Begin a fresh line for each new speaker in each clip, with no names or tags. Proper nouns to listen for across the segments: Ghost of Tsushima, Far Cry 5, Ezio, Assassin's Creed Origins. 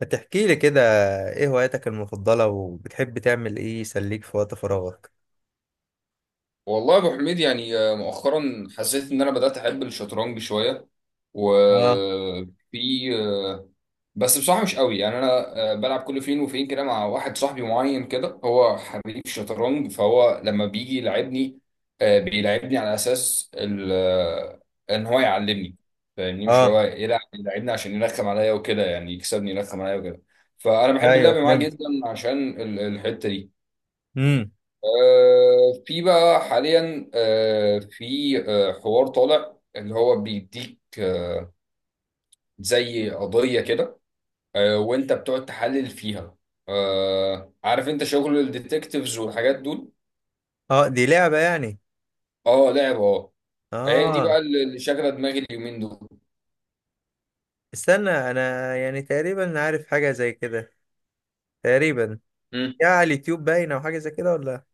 ما تحكي لي كده، ايه هواياتك المفضلة وبتحب تعمل ايه يسليك في وقت فراغك؟
والله يا ابو حميد، يعني مؤخرا حسيت ان انا بدات احب الشطرنج شويه
اه،
وفي. بس بصراحه مش قوي، يعني انا بلعب كل فين وفين كده مع واحد صاحبي معين كده، هو حريف شطرنج، فهو لما بيجي يلعبني بيلعبني على اساس ان هو يعلمني، فاهمني؟ مش
اه،
اللي هو يلعب يلعبني عشان يرخم عليا وكده، يعني يكسبني يرخم عليا وكده. فانا بحب
ايوه
اللعب معاه
فهمت.
جدا عشان الحته دي.
امم.
في بقى حاليا آه، في آه، حوار طالع اللي هو بيديك زي قضية كده، وانت بتقعد تحلل فيها. عارف انت شغل الديتكتيفز والحاجات دول.
اه، دي لعبة يعني.
اه، لعبة، اه. هي دي
اه.
بقى اللي شاغلة دماغي اليومين دول.
استنى انا يعني تقريبا عارف حاجة زي كده، تقريبا.
مم.
يا على اليوتيوب باينة او حاجة زي كده، ولا؟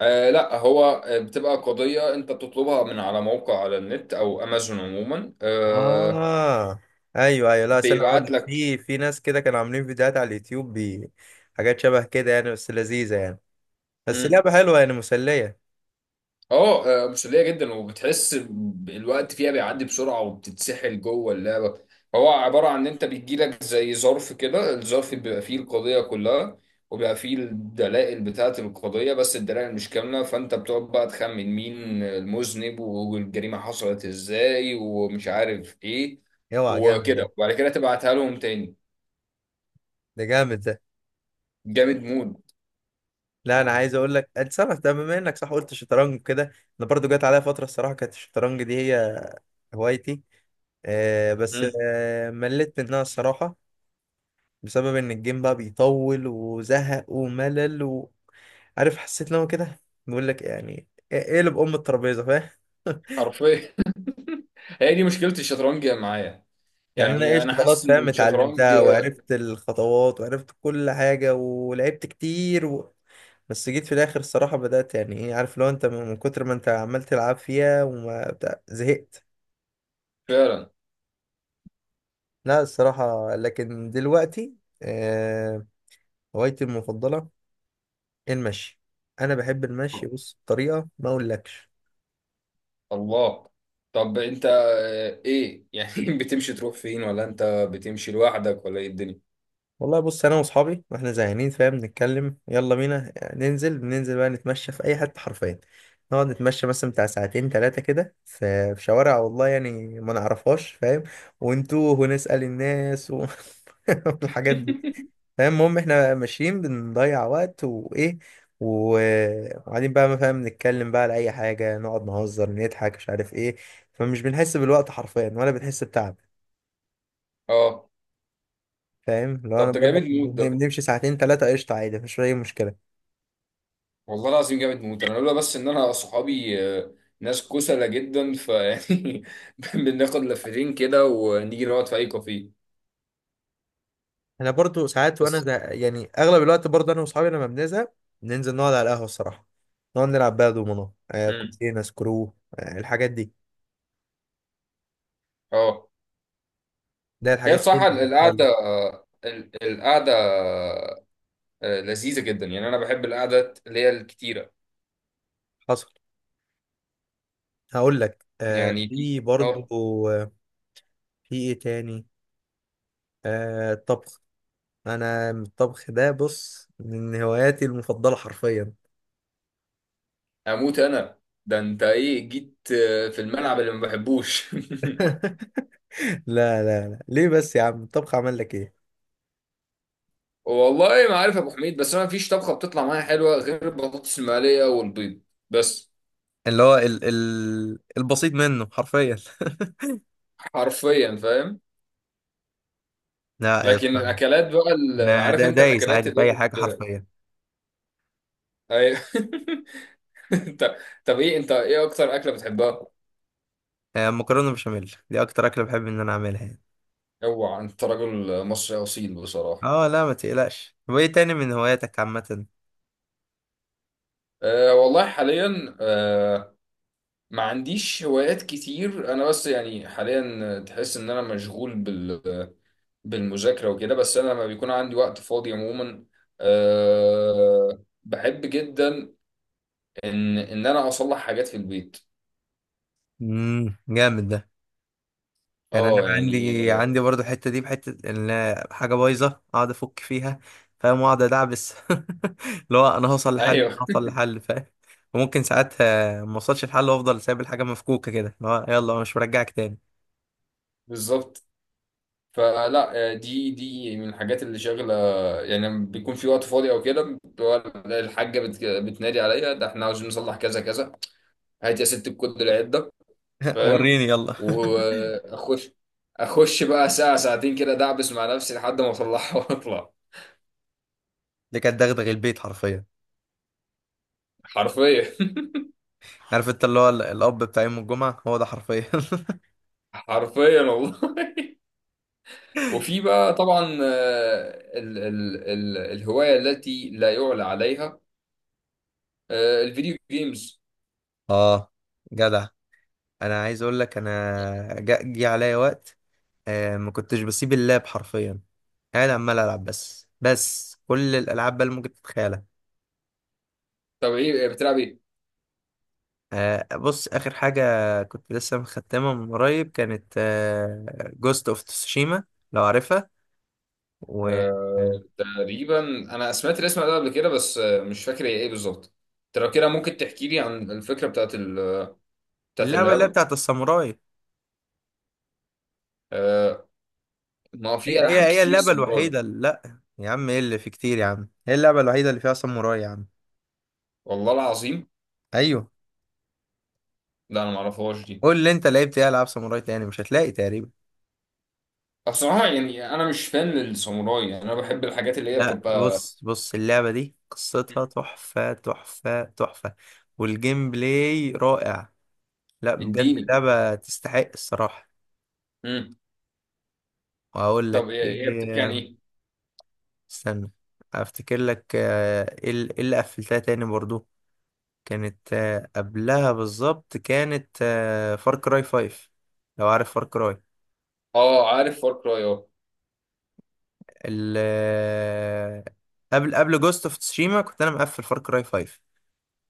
لا، هو بتبقى قضية انت بتطلبها من على موقع على النت او امازون عموما،
اه، ايوه ايوه، لا استنى اقول
بيبعت
لك،
لك.
في ناس كده كانوا عاملين فيديوهات على اليوتيوب حاجات شبه كده يعني، بس لذيذة يعني. بس لعبة حلوة يعني، مسلية.
اه، مسلية جدا، وبتحس الوقت فيها بيعدي بسرعة وبتتسحل جوه اللعبة. هو عبارة عن ان انت بيجيلك زي ظرف كده، الظرف بيبقى فيه القضية كلها، وبيبقى فيه الدلائل بتاعة القضية، بس الدلائل مش كاملة، فانت بتقعد بقى تخمن مين المذنب والجريمة حصلت ازاي ومش عارف ايه
اوعى جامد ده.
وكده، وبعد كده تبعتها لهم تاني.
ده جامد ده.
جامد مود.
لا انا عايز اقول لك اتصرف، ده بما انك صح قلت شطرنج كده. انا برضو جات عليا فتره الصراحه كانت الشطرنج دي هي هوايتي. بس
مم.
مليت منها الصراحه، بسبب ان الجيم بقى بيطول وزهق وملل وعارف. حسيت ان هو كده بيقول لك يعني إيه اللي بأم الترابيزه، فاهم؟
حرفيا. هي دي مشكلة الشطرنج معايا.
يعني انا
يعني
ايش
انا حاسس
خلاص
ان
فاهم،
الشطرنج...
اتعلمتها وعرفت الخطوات وعرفت كل حاجه ولعبت كتير و بس جيت في الاخر الصراحه بدات يعني ايه، عارف، لو انت من كتر ما انت عمال تلعب فيها وما بتاع، زهقت.
فعلا.
لا الصراحة، لكن دلوقتي آه، هوايتي المفضلة المشي. أنا بحب المشي، بص بطريقة ما أقولكش.
الله. طب انت ايه يعني، بتمشي تروح فين ولا انت بتمشي لوحدك ولا ايه الدنيا؟
والله بص، أنا وأصحابي وإحنا زهقانين فاهم، نتكلم يلا بينا ننزل بقى نتمشى في أي حتة حرفيا. نقعد نتمشى مثلا بتاع ساعتين تلاتة كده في شوارع والله يعني ما نعرفهاش، فاهم؟ ونتوه ونسأل الناس و والحاجات دي. فاهم؟ المهم احنا ماشيين بنضيع وقت وايه وقاعدين بقى ما فاهم، نتكلم بقى على اي حاجه، نقعد نهزر نضحك مش عارف ايه. فمش بنحس بالوقت حرفيا، ولا بنحس بتعب.
اه.
فاهم لو
طب
انا
ده
بقول لك
جامد موت ده،
بنمشي ساعتين ثلاثه قشطه عادي مفيش اي مشكله.
والله العظيم جامد موت. انا لولا بس ان انا صحابي ناس كسلة جدا، فيعني بناخد لفتين كده ونيجي نقعد في اي كافيه.
انا برضو ساعات وانا
بس.
ده يعني اغلب الوقت، برضو انا واصحابي لما بنزهق ننزل نقعد على القهوه الصراحه. نقعد نلعب بقى دومينو،
امم.
كوتشينه سكرو، الحاجات دي.
اه.
ده
هي
الحاجات دي
بصراحة
اللي
القعدة،
بتتسلى.
القعدة لذيذة جدا، يعني انا بحب القعدات اللي هي الكتيرة.
حصل. هقول لك
يعني دي.
في
اه.
برضو في ايه تاني. الطبخ. انا الطبخ ده بص من هواياتي المفضله حرفيا.
اموت انا. ده انت ايه جيت في الملعب اللي ما بحبوش؟
لا، لا، لا، ليه بس يا عم؟ الطبخ عمل لك ايه؟
والله ما عارف يا ابو حميد، بس انا مفيش طبخه بتطلع معايا حلوه غير البطاطس المقليه والبيض بس.
اللي هو ال البسيط منه حرفيا.
حرفيا، فاهم.
لا يا
لكن
اسطى.
الاكلات بقى
انا
عارف انت
دايس
الاكلات
عادي في
اللي هي
اي حاجه حرفيا.
أي- انت. طب ايه انت، ايه اكتر اكله بتحبها؟
مكرونه بشاميل دي اكتر اكله بحب ان انا اعملها يعني.
اوعى، انت راجل مصري اصيل بصراحه.
اه، لا ما تقلقش. طب ايه تاني من هواياتك عامه؟
أه والله حاليا ما عنديش هوايات كتير انا، بس يعني حاليا تحس ان انا مشغول بالمذاكره وكده. بس انا لما بيكون عندي وقت فاضي عموما، أه بحب جدا ان انا اصلح حاجات في البيت.
امم، جامد ده. يعني انا
اه، يعني.
عندي عندي برضو الحته دي بحته ان حاجه بايظه، اقعد افك فيها، فاهم، واقعد ادعبس. اللي هو انا هوصل لحل انا
ايوه،
هوصل لحل فاهم؟ وممكن ساعتها ما اوصلش لحل وافضل سايب الحاجه مفكوكه كده، اللي هو يلا أنا مش مرجعك تاني.
بالظبط. فلا، دي من الحاجات اللي شاغله، يعني لما بيكون في وقت فاضي او كده، بتبقى الحاجه بتنادي عليا: ده احنا عاوزين نصلح كذا كذا، هات يا ست الكود العده، فاهم؟
وريني يلا.
واخش. اخش بقى ساعه ساعتين كده دعبس مع نفسي لحد ما اطلعها واطلع.
دي كانت دغدغ البيت حرفيا.
حرفيا.
عارف انت اللي هو الاب بتاع يوم الجمعه هو ده حرفيا.
حرفيا والله. وفي بقى طبعا آه، ال ال ال الهوايه التي لا يعلى عليها: الفيديو جيمز.
اه، جدع. انا عايز اقول لك انا جه عليا وقت، ما كنتش بسيب اللاب حرفيا، قاعد عمال العب بس كل الالعاب بقى اللي ممكن تتخيلها.
طب ايه، بتلعب ايه؟
بص اخر حاجه كنت لسه مختمها من قريب كانت جوست اوف تسوشيما، لو عارفها. واللعبه
تقريبا، انا سمعت الاسم ده قبل كده، بس مش فاكر هي ايه بالظبط. انت لو كده ممكن تحكي لي عن الفكره بتاعت
اللي هي
اللعبه.
بتاعت الساموراي.
آه، ما في
هي هي
العاب
هي
كتير
اللعبه
ساموراي.
الوحيده اللي. لا يا عم، ايه اللي في كتير يا عم؟ هي اللعبه الوحيده اللي فيها ساموراي يا عم.
والله العظيم.
ايوه.
لا انا ما اعرفهاش دي.
قول لي انت لعبت ايه العاب ساموراي تاني، مش هتلاقي تقريبا.
بصراحه يعني انا مش فان للساموراي، يعني انا بحب الحاجات اللي هي
لا
بتبقى
بص اللعبة دي قصتها تحفة تحفة تحفة. والجيم بلاي رائع. لا بجد،
الديني.
لعبة تستحق الصراحة.
امم.
وهقول
طب
لك
هي بتحكي عن
ايه.
ايه؟
استنى، افتكر لك، ايه إيه اللي قفلتها تاني برضو. كانت قبلها بالظبط كانت فار كراي 5، لو عارف فار كراي.
اه عارف فار كراي، اه.
ال آه، قبل جوست اوف تسوشيما كنت انا مقفل فار كراي 5.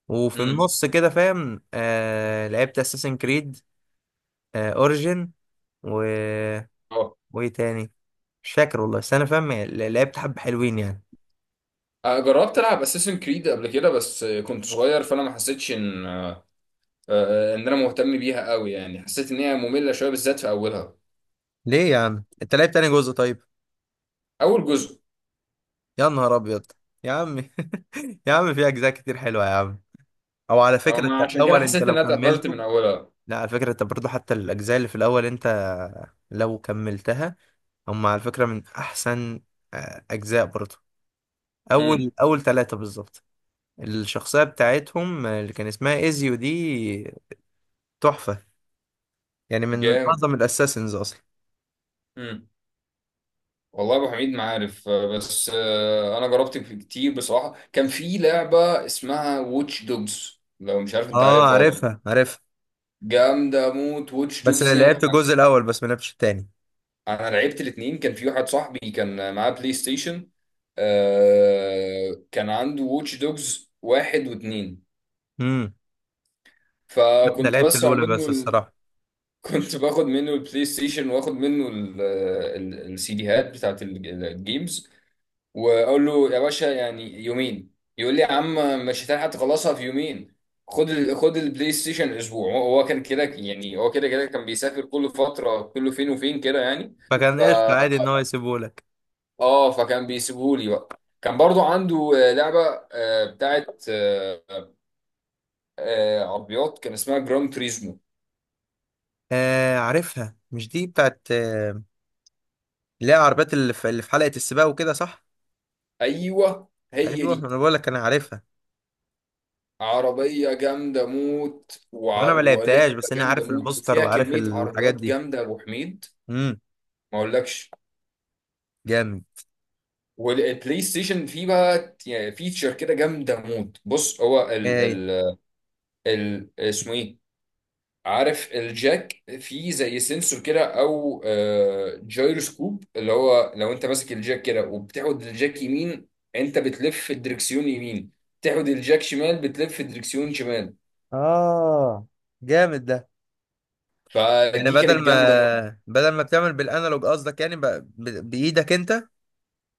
وفي
امم.
النص كده فاهم، لعبت اساسن كريد اوريجن، و
اه.
وايه تاني، مش فاكر والله، بس انا فاهم لعبت حبة حلوين يعني.
أنا جربت العب اساسن كريد قبل كده بس كنت صغير، فانا ما حسيتش ان ان انا مهتم بيها قوي. يعني حسيت ان هي ممله شويه بالذات في اولها.
ليه يا عم، انت لعبت تاني جزء طيب؟
اول جزء.
يا نهار ابيض، يا عم. يا عم، في اجزاء كتير حلوة يا عم. او على فكرة انت
ما عشان كده
الاول، انت
حسيت
لو
ان انا اتقفلت
كملته.
من اولها.
لا على فكرة، انت برضه حتى الاجزاء اللي في الاول، انت لو كملتها، هم على فكرة من احسن اجزاء برضه. اول
امم.
اول ثلاثة بالظبط. الشخصية بتاعتهم، اللي كان اسمها ايزيو دي، تحفة. يعني من
جامد.
اعظم الاساسنز اصلا.
والله يا ابو حميد ما عارف بس انا جربت في كتير بصراحه. كان في لعبه اسمها ووتش دوجز، لو مش عارف. انت
اه،
عارفها ولا
عارفها
لأ؟
عارفها.
جامده موت ووتش
بس
دوجز دي.
لعبت
انا،
الجزء الاول بس، ما لعبتش التاني.
انا لعبت الاثنين. كان في واحد صاحبي كان معاه بلاي ستيشن، كان عنده ووتش دوجز واحد واثنين.
امم. انا
فكنت
لعبت
بسرق
الاولى
منه
بس
ال...
الصراحه.
كنت باخد منه البلاي ستيشن واخد منه السي ديهات بتاعت الجيمز، واقول له: يا باشا يعني يومين. يقول لي: يا عم مش هتلحق تخلصها في يومين، خد ال... خد البلاي ستيشن اسبوع. هو كان كده، يعني هو كده كده كان بيسافر كل فتره، كله فين وفين كده يعني.
فكان
ف
قشطه عادي ان هو يسيبه لك.
اه فكان بيسيبهولي بقى. كان برضو عنده لعبه آه، بتاعت آه، آه، عربيات كان اسمها جران تريزمو.
عارفها، مش دي بتاعت، اللي هي العربيات اللي في حلقه السباق وكده، صح؟
ايوه هي
ايوه،
دي.
انا بقول لك انا عارفها.
عربيه جامده موت،
وانا ما لعبتهاش
ولعبه
بس انا
جامده
عارف
موت،
البوستر
وفيها
وعارف
كميه
الحاجات
عربيات
دي.
جامده يا ابو حميد،
امم،
ما اقولكش.
جامد.
والبلاي ستيشن فيه بقى يعني فيتشر كده جامده موت. بص، هو ال
ايه؟
ال ال اسمه ايه، عارف الجاك فيه زي سنسور كده او جايروسكوب، اللي هو لو انت ماسك الجاك كده وبتاخد الجاك يمين، انت بتلف الدركسيون يمين، تاخد الجاك شمال بتلف الدركسيون شمال.
اه، جامد ده. يعني
فدي
بدل
كانت
ما
جامده موت.
بدل ما بتعمل بالانالوج قصدك، يعني بايدك انت.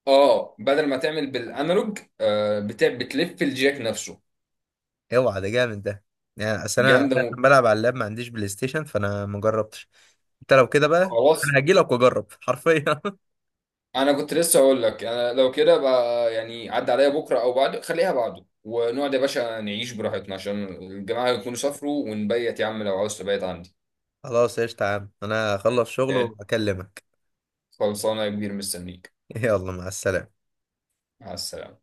اه، بدل ما تعمل بالانالوج، آه، بتاع بتلف الجاك نفسه.
اوعى، ده جامد ده. يعني اصل انا
جامده موت.
عشان بلعب على اللاب ما عنديش بلاي ستيشن، فانا ما جربتش. انت لو كده بقى
خلاص،
انا هجي لك واجرب حرفيا.
انا كنت لسه اقول لك، انا لو كده بقى، يعني عدى عليا بكره او بعد، خليها بعده ونقعد يا باشا نعيش براحتنا عشان الجماعه يكونوا سافروا، ونبيت يا عم لو عاوز تبيت عندي.
خلاص قشطة يا عم، انا هخلص شغل واكلمك.
خلصانه يا كبير، مستنيك.
يلا، مع السلامة.
مع السلامه.